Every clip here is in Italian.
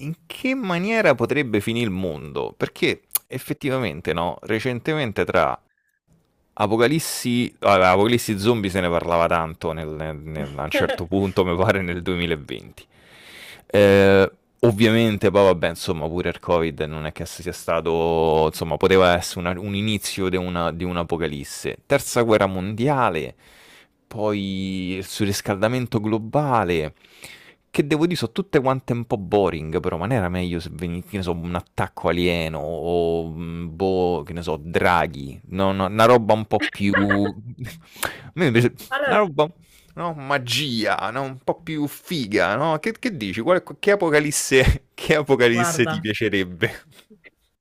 In che maniera potrebbe finì il mondo? Perché effettivamente, no, recentemente tra Apocalissi, allora, Apocalissi zombie se ne parlava tanto a un certo punto, mi pare nel 2020. Eh, Ovviamente, poi vabbè, insomma, pure il Covid non è che sia stato, insomma, poteva essere un inizio di di un'apocalisse. Terza guerra mondiale poi il surriscaldamento globale, che devo dire sono tutte quante un po' boring, però ma non era meglio se venisse, che ne so, un attacco alieno o, boh, che ne so, draghi, no, no, una roba un po' più A me invece una Allora, roba, no, magia, no, un po' più figa, no? Che dici? Che apocalisse, che apocalisse ti guarda, piacerebbe?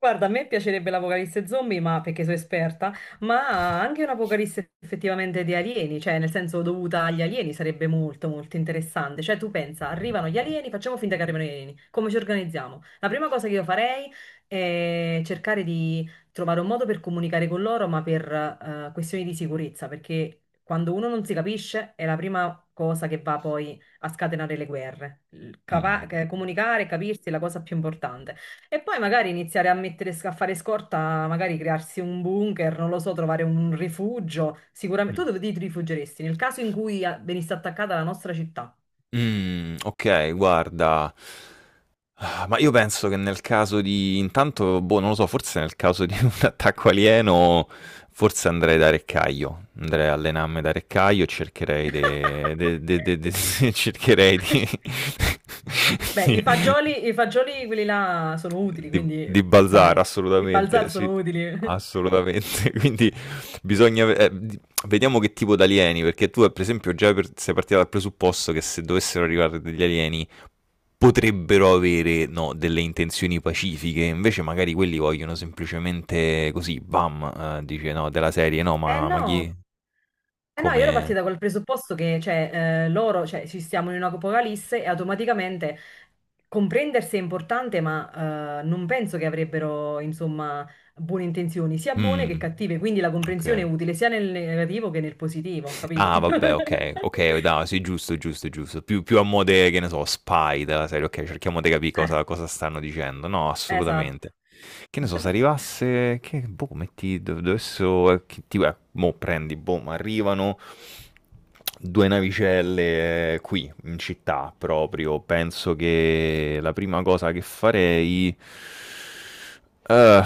Guarda, a me piacerebbe l'apocalisse zombie, ma perché sono esperta, ma anche un'apocalisse effettivamente di alieni, cioè nel senso dovuta agli alieni sarebbe molto molto interessante. Cioè tu pensa, arrivano gli alieni, facciamo finta che arrivano gli alieni, come ci organizziamo? La prima cosa che io farei è cercare di trovare un modo per comunicare con loro, ma per questioni di sicurezza, perché quando uno non si capisce è la prima cosa che va poi a scatenare le guerre. Il Mm. capa- comunicare e capirsi è la cosa più importante. E poi magari iniziare a mettere, a fare scorta, magari crearsi un bunker, non lo so, trovare un rifugio. Sicuramente. Tu dove ti rifugeresti? Nel caso in cui venisse attaccata la nostra città. Mm, ok, guarda. Ah, ma io penso che nel caso di intanto, boh, non lo so, forse nel caso di un attacco alieno, forse andrei da Reccaio, andrei a allenarmi da Reccaio e cercherei cercherei di Beh, di- i fagioli quelli là sono utili, di quindi Balzar, dai, di assolutamente, Balzar sì, sono utili. assolutamente. Quindi bisogna ve di vediamo che tipo d'alieni, perché tu, per esempio, già per sei partita dal presupposto che se dovessero arrivare degli alieni potrebbero avere, no, delle intenzioni pacifiche, invece magari quelli vogliono semplicemente così, bam, dice, no, della serie, no, Eh ma no, chi? Eh no, Come? io ero partita col presupposto che cioè, loro, cioè, ci stiamo in un'apocalisse e automaticamente comprendersi è importante, ma non penso che avrebbero, insomma, buone intenzioni, sia buone che Mh, cattive, quindi la comprensione è okay. utile sia nel negativo che nel positivo, capito? Ah, vabbè, ok, ok, no, sì, giusto, giusto, giusto. Più a mo' de, che ne so, spy della serie, ok, cerchiamo di capire Eh, cosa stanno dicendo. No, esatto. assolutamente. Che ne so, se arrivasse, che, boh, metti, dovessero, tipo, mo' prendi, boh, ma arrivano due navicelle qui, in città, proprio. Penso che la prima cosa che farei. eh,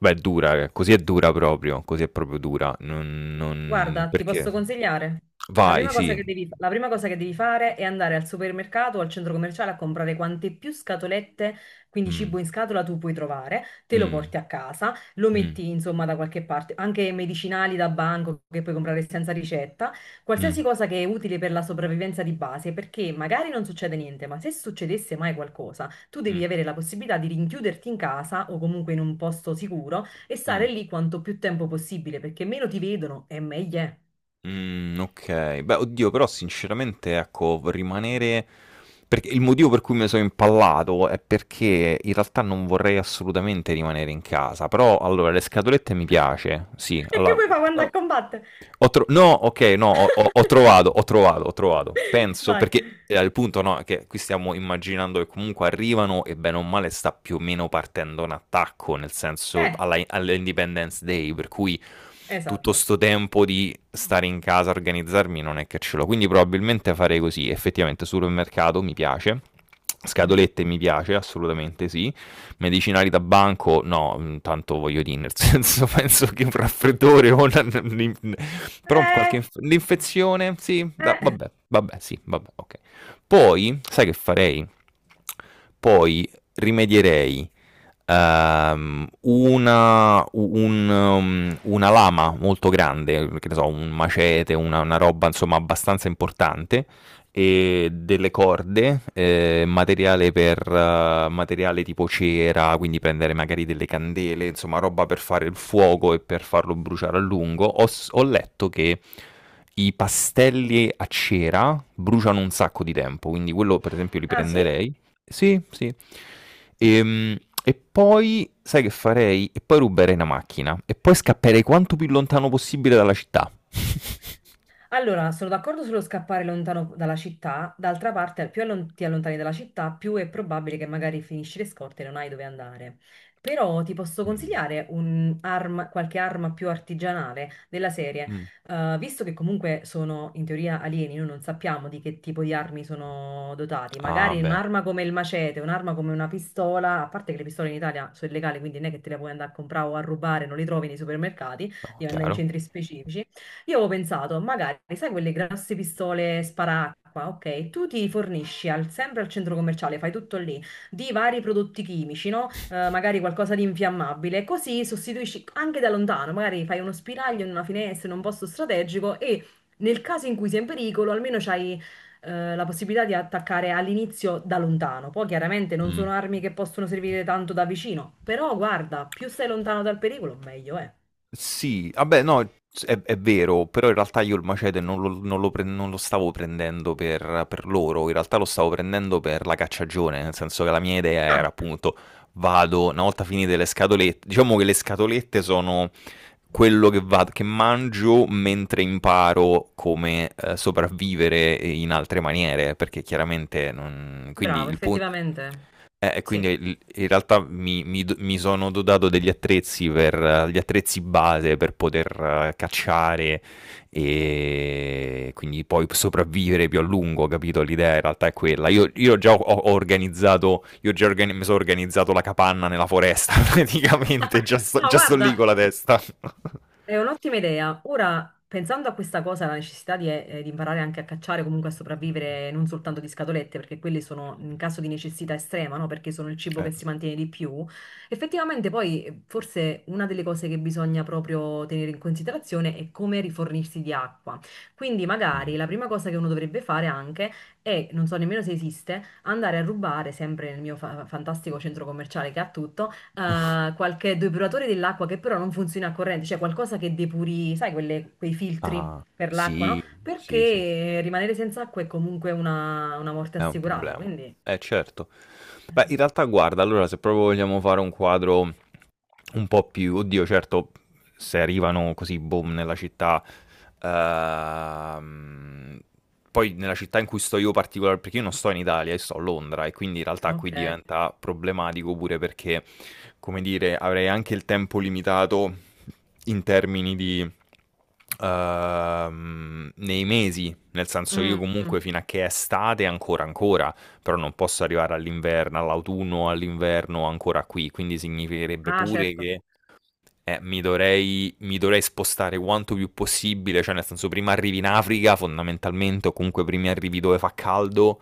Beh, è dura, così è dura proprio, così è proprio dura. Non Guarda, ti perché posso consigliare. La vai, prima cosa sì. che devi, la prima cosa che devi fare è andare al supermercato o al centro commerciale a comprare quante più scatolette, quindi cibo Mh, in scatola tu puoi trovare, te lo mh, porti a casa, lo mh, metti insomma da qualche parte, anche medicinali da banco che puoi comprare senza ricetta, mh, qualsiasi cosa che è utile per la sopravvivenza di base, perché magari non succede niente, ma se succedesse mai qualcosa, tu mh, devi avere la possibilità di rinchiuderti in casa o comunque in un posto sicuro e mh, stare lì quanto più tempo possibile, perché meno ti vedono e meglio è. Okay. Beh, oddio, però sinceramente, ecco, v rimanere perché il motivo per cui me so' impallato è perché in realtà non vorrei assolutamente rimanere in casa, però allora le scatolette mi piace, sì, E alla che vuoi uhm fare quando a combattere? No, ok, no, ho trovato, ho trovato, ho trovato. Penso, Vai. perché al punto no, è che qui stiamo immaginando che comunque arrivano e bene o male sta più o meno partendo un attacco, nel senso Eh, all'Independence Day, per cui tutto esatto. sto tempo di stare in casa, organizzarmi, non è che ce l'ho. Quindi probabilmente farei così, effettivamente supermercato mi piace, Mhm. scatolette mi piace, assolutamente sì medicinali da banco, no, tanto voglio dire, nel senso penso che un raffreddore o però qualche Eh, l'infezione, sì, Eh, vabbè, vabbè, sì, vabbè, ok. Poi, sai che farei? Poi rimedierei una lama molto grande, che ne so, un macete, una roba insomma abbastanza importante, e delle corde, materiale tipo cera, quindi prendere magari delle candele, insomma, roba per fare il fuoco e per farlo bruciare a lungo. Ho letto che i pastelli a cera bruciano un sacco di tempo, quindi quello per esempio li ah sì? prenderei. Sì, sì. Mm. Ehm, E poi sai che farei? E poi ruberei una macchina e poi scapperei quanto più lontano possibile dalla città. Allora, sono d'accordo sullo scappare lontano dalla città, d'altra parte più allon- ti allontani dalla città, più è probabile che magari finisci le scorte e non hai dove andare. Però ti posso Mm. consigliare un arma- qualche arma più artigianale della serie, Mm. Visto che comunque sono in teoria alieni, noi non sappiamo di che tipo di armi sono dotati, Ah, magari beh. un'arma come il macete, un'arma come una pistola, a parte che le pistole in Italia sono illegali, quindi non è che te le puoi andare a comprare o a rubare, non le trovi nei supermercati, No, devi andare in chiaro. centri specifici. Io avevo pensato, magari, sai quelle grosse pistole sparacqua, ok? Tu ti fornisci al- sempre al centro commerciale, fai tutto lì, di vari prodotti chimici, no? Magari qualcosa di infiammabile, così sostituisci anche da lontano, magari fai uno spiraglio in una finestra, in un posto strategico e nel caso in cui sei in pericolo, almeno c'hai la possibilità di attaccare all'inizio da lontano. Poi chiaramente non Mh. sono armi che possono servire tanto da vicino, però guarda, più stai lontano dal pericolo, meglio è. Sì, vabbè no, s è vero, però in realtà io il macete non lo stavo prendendo per loro, in realtà lo stavo prendendo per la cacciagione, nel senso che la mia idea era Ah, appunto: vado, una volta finite le scatolette diciamo che le scatolette sono quello che vado che mangio mentre imparo come, sopravvivere in altre maniere, perché chiaramente non quindi bravo, il pun. effettivamente. E quindi Sì. In realtà mi, mi sono dotato degli attrezzi per gli attrezzi base per poter cacciare e quindi poi sopravvivere più a lungo, capito? L'idea in realtà è quella. Io già ho organizzato, mi sono organizzato la capanna nella foresta, praticamente, già sto, No, già sto lì guarda, con la testa. è un'ottima idea. Ora, pensando a questa cosa, la necessità di imparare anche a cacciare, comunque a sopravvivere, non soltanto di scatolette, perché quelle sono in caso di necessità estrema, no? Perché sono il cibo Eh, che si mantiene di più. Effettivamente, poi, forse una delle cose che bisogna proprio tenere in considerazione è come rifornirsi di acqua. Quindi, mm. magari la prima cosa che uno dovrebbe fare anche è, non so nemmeno se esiste, andare a rubare, sempre nel mio fa- fantastico centro commerciale che ha tutto qualche depuratore dell'acqua che però non funziona a corrente, cioè qualcosa che depuri, sai, quelle- quei filtri Ah, per l'acqua, no? sì, sì, sì, Perché rimanere senza acqua è comunque una morte è un assicurata, problema. quindi... Certo. Beh, eh, in realtà, guarda, allora se proprio vogliamo fare un quadro un po' più, oddio, certo, se arrivano così, boom, nella città, ehm, poi nella città in cui sto io particolare, perché io non sto in Italia, io sto a Londra e quindi in realtà qui Ok. diventa problematico pure perché, come dire, avrei anche il tempo limitato in termini di, nei mesi, nel senso io Mm, mm. comunque fino a che è estate ancora ancora però non posso arrivare all'inverno, all'autunno, all'inverno ancora qui, quindi significherebbe Ah, pure certo. che mi dovrei spostare quanto più possibile, cioè nel senso prima arrivi in Africa fondamentalmente o comunque prima arrivi dove fa caldo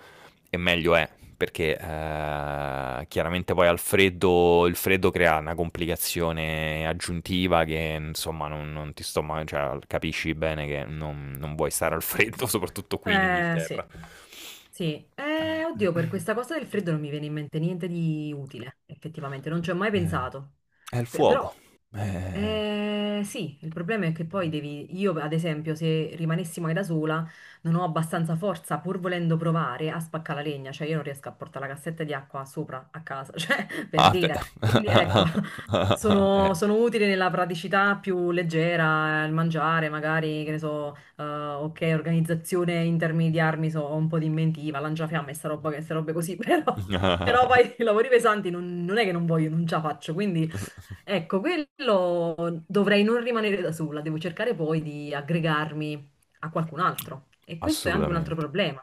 e meglio è perché chiaramente poi al freddo, il freddo crea una complicazione aggiuntiva che insomma non cioè, capisci bene che non vuoi stare al freddo, soprattutto qui in Sì, Inghilterra. sì. Oddio, per questa cosa del freddo non mi viene in mente niente di utile, effettivamente, non ci ho mai Eh, pensato. è il Pe- fuoco. Però Eh. Sì, il problema è che poi devi, io ad esempio, se rimanessi mai da sola, non ho abbastanza forza, pur volendo provare, a spaccare la legna, cioè io non riesco a portare la cassetta di acqua sopra a casa, cioè per Ah, beh. dire. Quindi ecco, Eh. sono, sono utile nella praticità più leggera, il mangiare, magari, che ne so, ok, organizzazione in termini di armi, so, ho un po' di inventiva, lanciafiamme, e sta roba, che- sta robe così, però, però poi i lavori pesanti non, non è che non voglio, non ce la faccio, quindi... Ecco, quello dovrei non rimanere da sola, devo cercare poi di aggregarmi a qualcun altro. E questo è anche un altro Assolutamente. problema.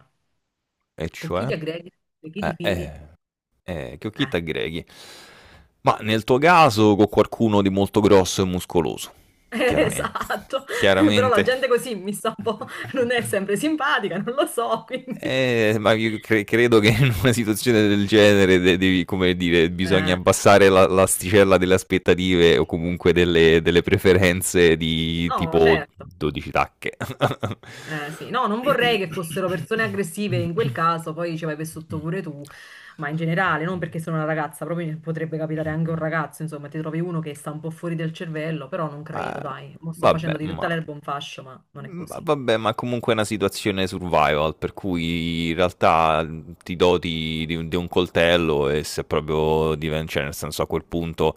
E Con chi cioè? ti aggreghi, di chi ti fidi? Eh. Che occhietta Eh, aggreghi. Ma nel tuo caso con qualcuno di molto grosso e muscoloso, chiaramente. esatto. Però la Chiaramente. gente così mi sta un po', non è sempre simpatica, non lo so, quindi... Ma io credo che in una situazione del genere de- devi, come dire, bisogna Eh, abbassare l'asticella delle aspettative o comunque delle preferenze di no, tipo certo. 12 tacche. Sì, no, non vorrei che fossero persone aggressive in quel caso, poi ci vai per sotto pure tu, ma in generale, non perché sono una ragazza, proprio potrebbe capitare anche a un ragazzo, insomma, ti trovi uno che sta un po' fuori del cervello, però non credo, Eh, dai, mo sto vabbè, facendo di ma tutta l'erba un fascio, ma non è così. vabbè, ma comunque è una situazione survival, per cui in realtà ti doti di un coltello e se proprio diventa, cioè nel senso a quel punto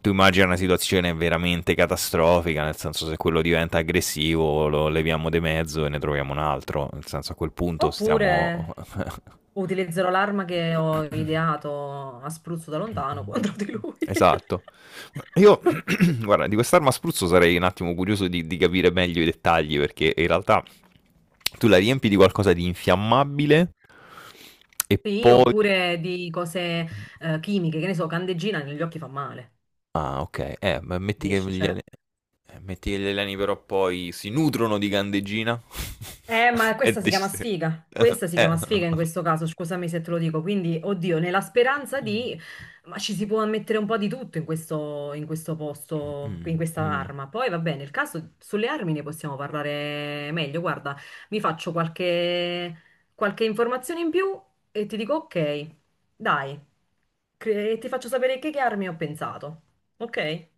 tu immagini una situazione veramente catastrofica, nel senso se quello diventa aggressivo lo leviamo di mezzo e ne troviamo un altro, nel senso a quel punto stiamo. Oppure utilizzerò l'arma che ho ideato a spruzzo da lontano Mh-mh. contro di lui. Esatto. Io guarda, di quest'arma a spruzzo sarei un attimo curioso di capire meglio i dettagli, perché in realtà tu la riempi di qualcosa di infiammabile e Sì, poi oppure di cose mh, chimiche, che ne so, candeggina negli occhi fa male, ah okay, capisci? Cioè, metti che gli alieni però poi si nutrono di candeggina ma e questa si chiama dici eh. sfiga. Questa si chiama Eh. sfiga in questo caso, scusami se te lo dico. Quindi, oddio, nella speranza di... Ma ci si può mettere un po' di tutto in questo posto, Mh-mh, in questa mh. arma. Poi va bene, nel caso sulle armi ne possiamo parlare meglio. Guarda, mi faccio qualche, qualche informazione in più e ti dico ok, dai, cre- e ti faccio sapere che armi ho pensato. Ok?